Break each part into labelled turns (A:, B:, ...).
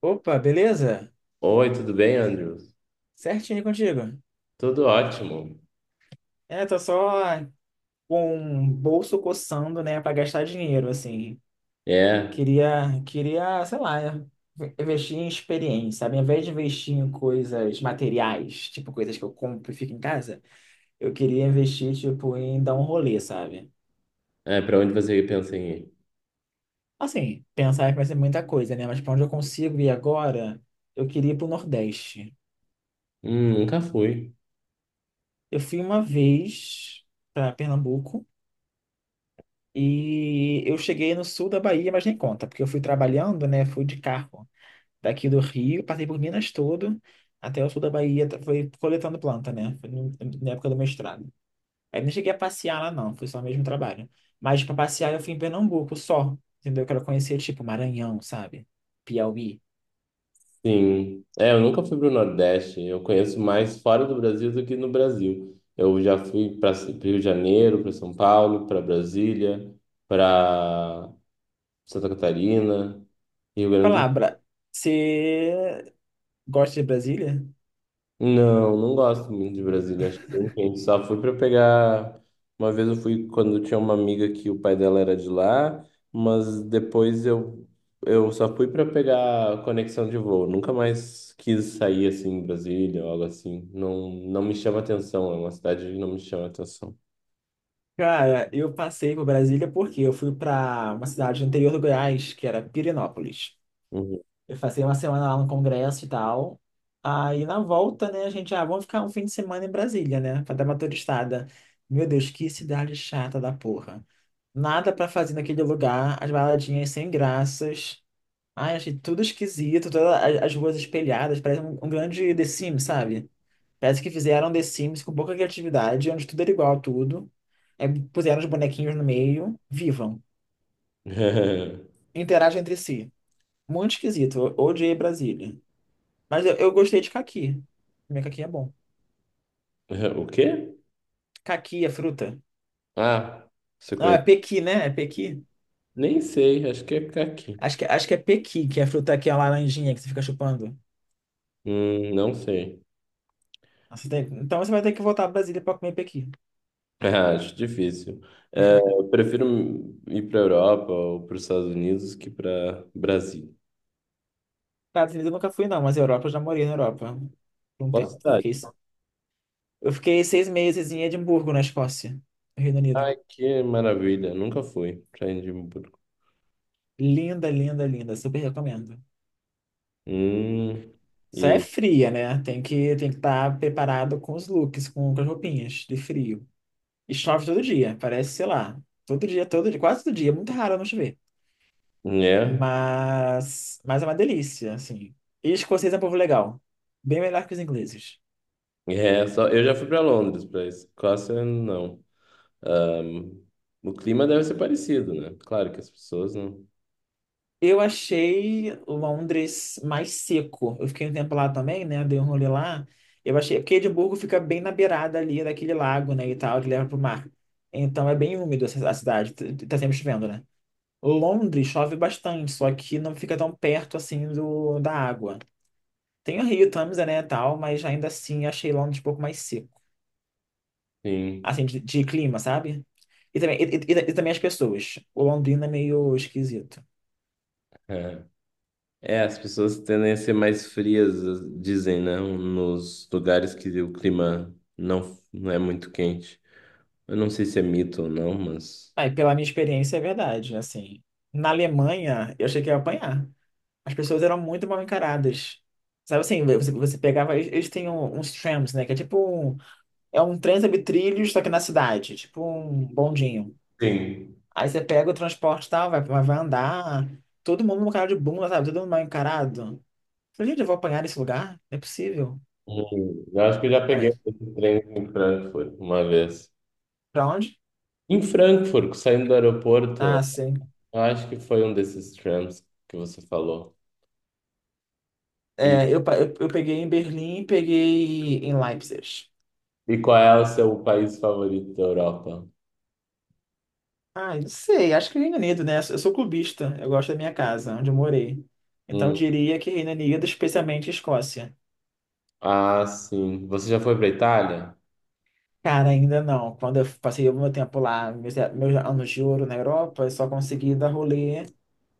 A: Opa, beleza?
B: Oi, tudo bem, Andrews?
A: Certinho contigo.
B: Tudo ótimo.
A: É, tô só com o bolso coçando, né, pra gastar dinheiro, assim.
B: É,
A: Queria, sei lá, investir em experiência, sabe? Ao invés de investir em coisas materiais, tipo coisas que eu compro e fico em casa, eu queria investir, tipo, em dar um rolê, sabe?
B: Pra onde você pensa em ir?
A: Assim, pensar que vai ser muita coisa, né? Mas pra onde eu consigo ir agora, eu queria ir pro Nordeste.
B: Nunca fui.
A: Eu fui uma vez pra Pernambuco. E eu cheguei no sul da Bahia, mas nem conta, porque eu fui trabalhando, né? Fui de carro daqui do Rio, passei por Minas todo, até o sul da Bahia, foi coletando planta, né? Foi na época do mestrado. Aí não cheguei a passear lá, não, foi só mesmo trabalho. Mas para passear eu fui em Pernambuco só, entendeu? Eu quero conhecer, tipo, Maranhão, sabe? Piauí.
B: Sim. É, eu nunca fui pro Nordeste. Eu conheço mais fora do Brasil do que no Brasil. Eu já fui para Rio de Janeiro, para São Paulo, para Brasília, para Santa Catarina, Rio Grande do...
A: Palavra, você gosta de Brasília?
B: Não, não gosto muito de Brasília, acho que é bem quente. Só fui para pegar. Uma vez eu fui quando tinha uma amiga que o pai dela era de lá, mas eu só fui para pegar conexão de voo. Nunca mais quis sair assim em Brasília ou algo assim. Não, não me chama atenção, é uma cidade que não me chama atenção.
A: Cara, eu passei por Brasília porque eu fui para uma cidade no interior do Goiás, que era Pirenópolis.
B: Uhum.
A: Eu passei uma semana lá no congresso e tal. Aí na volta, né, a gente, ah, vamos ficar um fim de semana em Brasília, né, pra dar uma turistada. Meu Deus, que cidade chata da porra. Nada pra fazer naquele lugar, as baladinhas sem graças. Ai, achei tudo esquisito, todas as ruas espelhadas, parece um grande The Sims, sabe? Parece que fizeram The Sims com pouca criatividade, onde tudo era igual a tudo. É, puseram os bonequinhos no meio, vivam, interagem entre si. Muito esquisito, eu odiei Brasília. Mas eu gostei de caqui. Comer caqui é bom.
B: O quê?
A: Caqui é fruta.
B: Ah, você
A: Não, é
B: conhece?
A: pequi, né? É pequi.
B: Nem sei, acho que é aqui.
A: Acho que é pequi, que é a fruta que é a laranjinha que você fica chupando.
B: Não sei.
A: Então você vai ter que voltar para Brasília para comer pequi.
B: É, acho difícil. É, eu prefiro ir para Europa ou para os Estados Unidos que para Brasil.
A: Estados Unidos eu nunca fui, não, mas Europa eu já morei na Europa por um
B: Qual
A: tempo. Fiquei-
B: cidade?
A: eu fiquei 6 meses em Edimburgo, na Escócia, no Reino Unido.
B: Ai, que maravilha. Nunca fui para Edimburgo.
A: Linda, linda, linda. Super recomendo.
B: Hum,
A: Só é
B: e
A: fria, né? Tem que estar preparado com os looks, com as roupinhas de frio. E chove todo dia, parece, sei lá, todo dia, quase todo dia, é muito raro não chover.
B: né?
A: Mas é uma delícia, assim. E escocês é um povo legal, bem melhor que os ingleses.
B: É, só, eu já fui para Londres, para Escócia não. Ahm, o clima deve ser parecido, né? Claro que as pessoas não.
A: Eu achei Londres mais seco. Eu fiquei um tempo lá também, né? Dei um rolê lá. Eu achei, porque Edimburgo fica bem na beirada ali daquele lago, né, e tal, que leva pro mar. Então é bem úmido a cidade, tá sempre chovendo, né? Londres chove bastante, só que não fica tão perto assim da água. Tem o Rio, Tamisa, né, tal, mas ainda assim achei Londres um pouco mais seco.
B: Sim.
A: Assim, de clima, sabe? E também, e também as pessoas. O Londrina é meio esquisito.
B: É. É, as pessoas tendem a ser mais frias, dizem, né? Nos lugares que o clima não é muito quente. Eu não sei se é mito ou não, mas.
A: Aí, pela minha experiência, é verdade, assim. Na Alemanha, eu achei que ia apanhar. As pessoas eram muito mal encaradas. Sabe assim, você pegava. Eles têm uns trams, né? Que é tipo um, é um trem sobre trilhos, só que na cidade. Tipo um bondinho.
B: Sim.
A: Aí você pega o transporte e tal, vai andar. Todo mundo com cara de bunda, sabe? Todo mundo mal encarado. Falei, gente, eu vou apanhar nesse lugar? Não é possível.
B: Eu acho que eu já
A: Aí,
B: peguei esse trem em Frankfurt uma vez.
A: pra onde?
B: Em Frankfurt, saindo do aeroporto,
A: Ah, sim.
B: eu acho que foi um desses trams que você falou. E,
A: É, eu peguei em Berlim, e peguei em Leipzig.
B: e qual é o seu país favorito da Europa?
A: Ah, eu não sei, acho que é Reino Unido, né? Eu sou clubista, eu gosto da minha casa, onde eu morei. Então eu
B: Hum,
A: diria que Reino Unido, especialmente Escócia.
B: ah, sim. Você já foi para Itália?
A: Cara, ainda não. Quando eu passei o meu tempo lá, meus anos de ouro na Europa, eu só consegui dar rolê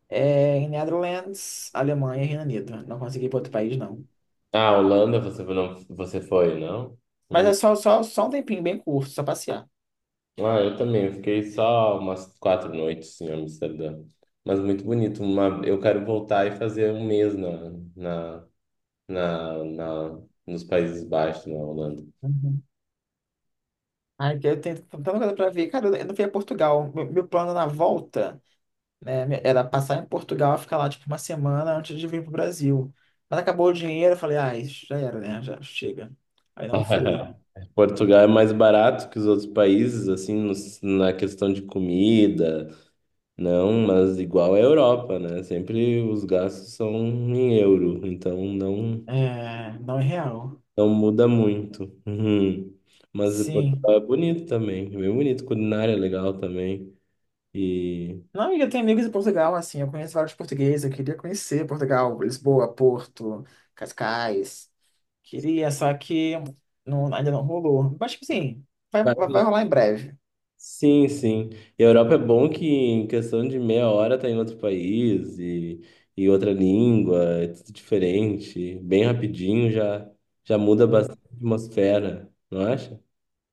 A: em Netherlands, Alemanha e Reino Unido. Não consegui ir para outro país, não.
B: Ah, Holanda você não, você foi, não?
A: Mas
B: Hum.
A: é só um tempinho bem curto, só passear.
B: Ah, eu também. Eu fiquei só umas quatro noites assim, em Amsterdã. Mas muito bonito. Uma... Eu quero voltar e fazer um mês na, na- nos Países Baixos, na Holanda.
A: Uhum. Ai, que eu tenho tanta coisa pra ver. Cara, eu não fui a Portugal. Meu plano na volta, né, era passar em Portugal e ficar lá, tipo, uma semana antes de vir pro Brasil. Mas acabou o dinheiro, eu falei, ah, isso já era, né? Já chega. Aí não fui.
B: Portugal é mais barato que os outros países, assim, na questão de comida, não, mas igual à Europa, né? Sempre os gastos são em euro, então
A: É, não é real.
B: não muda muito. Uhum. Mas
A: Sim.
B: Portugal é bonito também, é bem bonito, culinária é legal também. E
A: Não, e eu tenho amigos em Portugal, assim, eu conheço vários portugueses, eu queria conhecer Portugal, Lisboa, Porto, Cascais. Queria, só que não, ainda não rolou. Mas, tipo assim, vai,
B: vai
A: vai,
B: lá.
A: vai rolar em breve.
B: Sim, sim. E a Europa é bom que em questão de meia hora tá em outro país e outra língua, é tudo diferente. Bem rapidinho já, já muda
A: É.
B: bastante a atmosfera, não acha?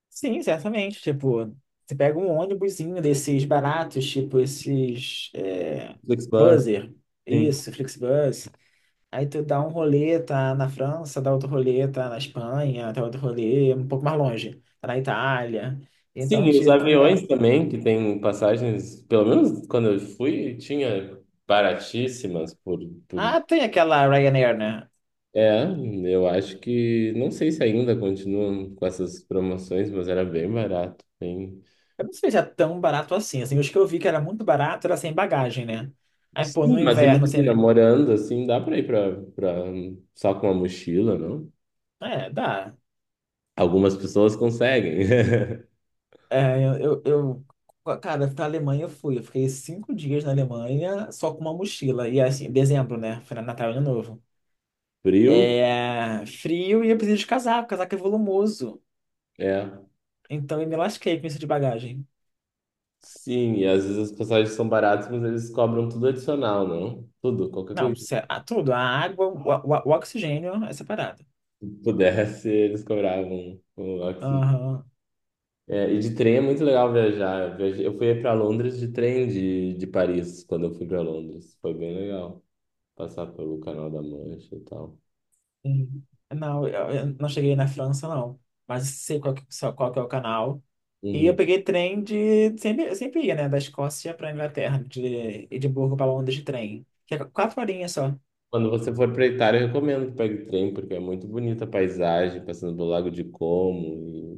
A: Sim, certamente. Tipo, você pega um ônibusinho desses baratos, tipo esses
B: Flixbus,
A: Buzzer,
B: sim.
A: isso, Flixbus. Aí tu dá um rolê, tá na França, dá outro rolê, tá na Espanha, dá outro rolê um pouco mais longe, tá na Itália.
B: Sim,
A: Então,
B: e os
A: tipo, não
B: aviões
A: é.
B: também, que tem passagens, pelo menos quando eu fui, tinha baratíssimas por...
A: Ah, tem aquela Ryanair, né?
B: É, eu acho que, não sei se ainda continuam com essas promoções, mas era bem barato, bem...
A: Eu não sei se é tão barato assim. Assim, os que eu vi que era muito barato era sem bagagem, né? Aí, pô,
B: Sim,
A: no
B: mas
A: inverno,
B: imagina,
A: sem.
B: morando assim, dá pra ir só com uma mochila, não?
A: É, dá.
B: Algumas pessoas conseguem.
A: É, cara, pra Alemanha eu fui. Eu fiquei 5 dias na Alemanha só com uma mochila. E assim, dezembro, né? Foi na Natal e Ano Novo.
B: Frio,
A: É. Frio e eu preciso de casaco. Casaco é volumoso.
B: é.
A: Então eu me lasquei com isso de bagagem.
B: Sim, e às vezes as passagens são baratas, mas eles cobram tudo adicional, não? Tudo, qualquer
A: Não,
B: coisa que
A: ah, tudo. A água, o oxigênio é separado.
B: pudesse, eles cobravam o oxigênio.
A: Aham.
B: É, e de trem é muito legal viajar. Eu fui para Londres de trem de Paris, quando eu fui para Londres. Foi bem legal passar pelo Canal da Mancha e tal.
A: Hum. Não, eu não cheguei na França, não. Mas sei qual que, só qual que é o canal. E eu
B: Uhum.
A: peguei trem de. Sempre ia, né? Da Escócia para Inglaterra, de Edimburgo para Londres de trem. Que é 4 horinhas só.
B: Quando você for para Itália, eu recomendo que pegue trem, porque é muito bonita a paisagem, passando pelo Lago de Como,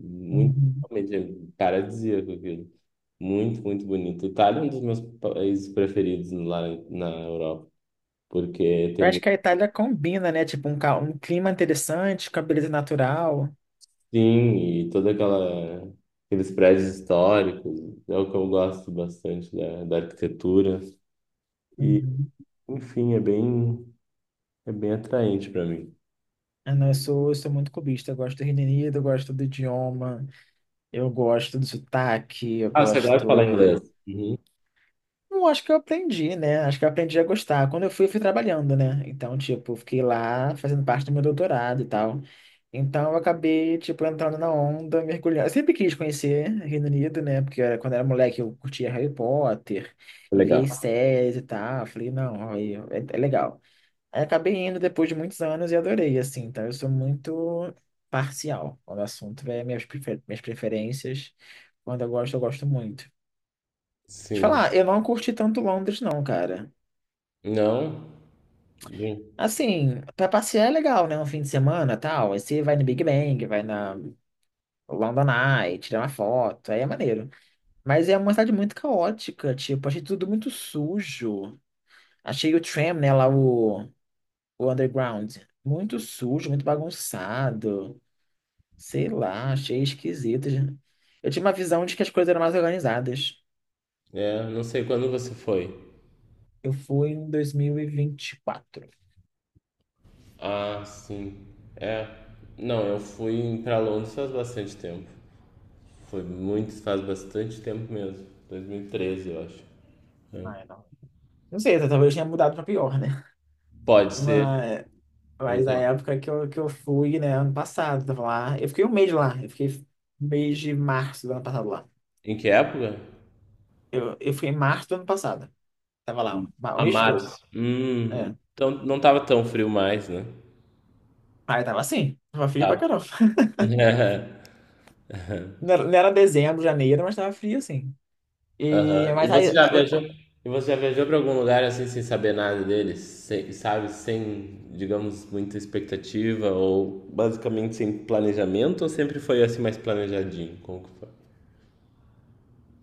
B: e muito,
A: Uhum.
B: realmente, é paradisíaco aquilo. Muito, muito bonito. Itália é um dos meus países preferidos lá na Europa, porque
A: Eu
B: tem
A: acho que
B: muito...
A: a Itália combina, né? Tipo, um clima interessante com a beleza natural.
B: Sim, e toda aquela, aqueles prédios históricos, é o que eu gosto bastante da arquitetura. E,
A: Uhum.
B: enfim, é bem atraente para mim.
A: Ah, não, eu sou muito cubista. Eu gosto do Reino Unido, eu gosto do idioma, eu gosto do sotaque, eu
B: Ah, você gosta de falar
A: gosto.
B: inglês? Uhum.
A: Não, acho que eu aprendi, né? Acho que eu aprendi a gostar. Quando eu fui trabalhando, né? Então, tipo, fiquei lá fazendo parte do meu doutorado e tal. Então, eu acabei, tipo, entrando na onda, mergulhando. Eu sempre quis conhecer Reino Unido, né? Porque era, quando eu era moleque, eu curtia Harry Potter e via
B: Legal.
A: as séries e tal. Eu falei, não, aí é legal. Aí acabei indo depois de muitos anos e adorei, assim. Então, eu sou muito parcial quando o assunto é minhas preferências. Quando eu gosto muito. Te
B: Sim.
A: falar, eu não curti tanto Londres, não, cara.
B: Não?
A: Assim, pra passear é legal, né? Um fim de semana, tal. Aí você vai no Big Bang, vai na London Eye, tira uma foto, aí é maneiro. Mas é uma cidade muito caótica, tipo, achei tudo muito sujo. Achei o tram, né, lá o underground, muito sujo, muito bagunçado. Sei lá, achei esquisito. Eu tinha uma visão de que as coisas eram mais organizadas.
B: É, não sei quando você foi.
A: Eu fui em 2024.
B: Ah, sim. É. Não, eu fui pra Londres faz bastante tempo. Foi muito, faz bastante tempo mesmo. 2013, eu acho. É.
A: Ah, não. Não sei, talvez tenha mudado pra pior, né?
B: Pode ser.
A: Mas, mas na
B: Muito.
A: época que eu fui, né, ano passado, tava lá. Eu fiquei um mês lá. Eu fiquei um mês de março do ano passado lá.
B: Em que época?
A: Eu fui em março do ano passado. Tava lá, ó, o
B: A
A: mês todo.
B: março.
A: É.
B: Então não tava tão frio mais, né?
A: Aí tava assim, tava frio pra
B: Tá.
A: caramba. Não era dezembro, janeiro, mas tava frio assim. E,
B: Aham. E
A: mas
B: você
A: aí.
B: já viajou? E você já viajou para algum lugar assim sem saber nada deles, sem, sabe, sem, digamos, muita expectativa ou basicamente sem planejamento ou sempre foi assim mais planejadinho? Como que foi?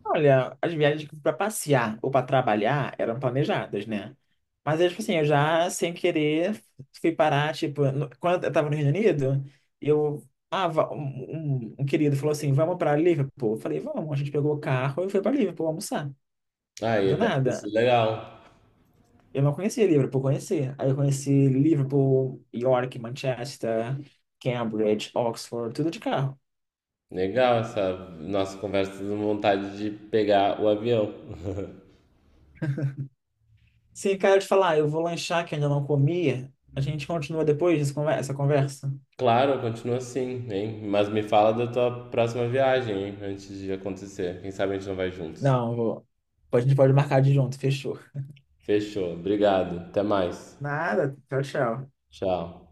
A: Olha, as viagens para passear ou para trabalhar eram planejadas, né? Mas eu, tipo assim, eu já, sem querer, fui parar, tipo, quando eu tava no Reino Unido, eu, ah, va- um- um querido falou assim, vamos para Liverpool. Eu falei, vamos. A gente pegou o carro e foi para Liverpool almoçar.
B: Ah, e
A: Do
B: deve ter
A: nada.
B: sido legal.
A: Eu não conhecia Liverpool, conheci. Aí eu conheci Liverpool, York, Manchester, Cambridge, Oxford, tudo de carro.
B: Legal essa nossa conversa dando vontade de pegar o avião.
A: Sim, cara, eu te falar, eu vou lanchar que ainda não comi. A gente continua depois essa conversa.
B: Claro, continua assim, hein? Mas me fala da tua próxima viagem, hein? Antes de acontecer. Quem sabe a gente não vai juntos.
A: Não, eu vou. A gente pode marcar de junto, fechou.
B: Fechou. Obrigado. Até mais.
A: Nada. Tchau, tchau.
B: Tchau.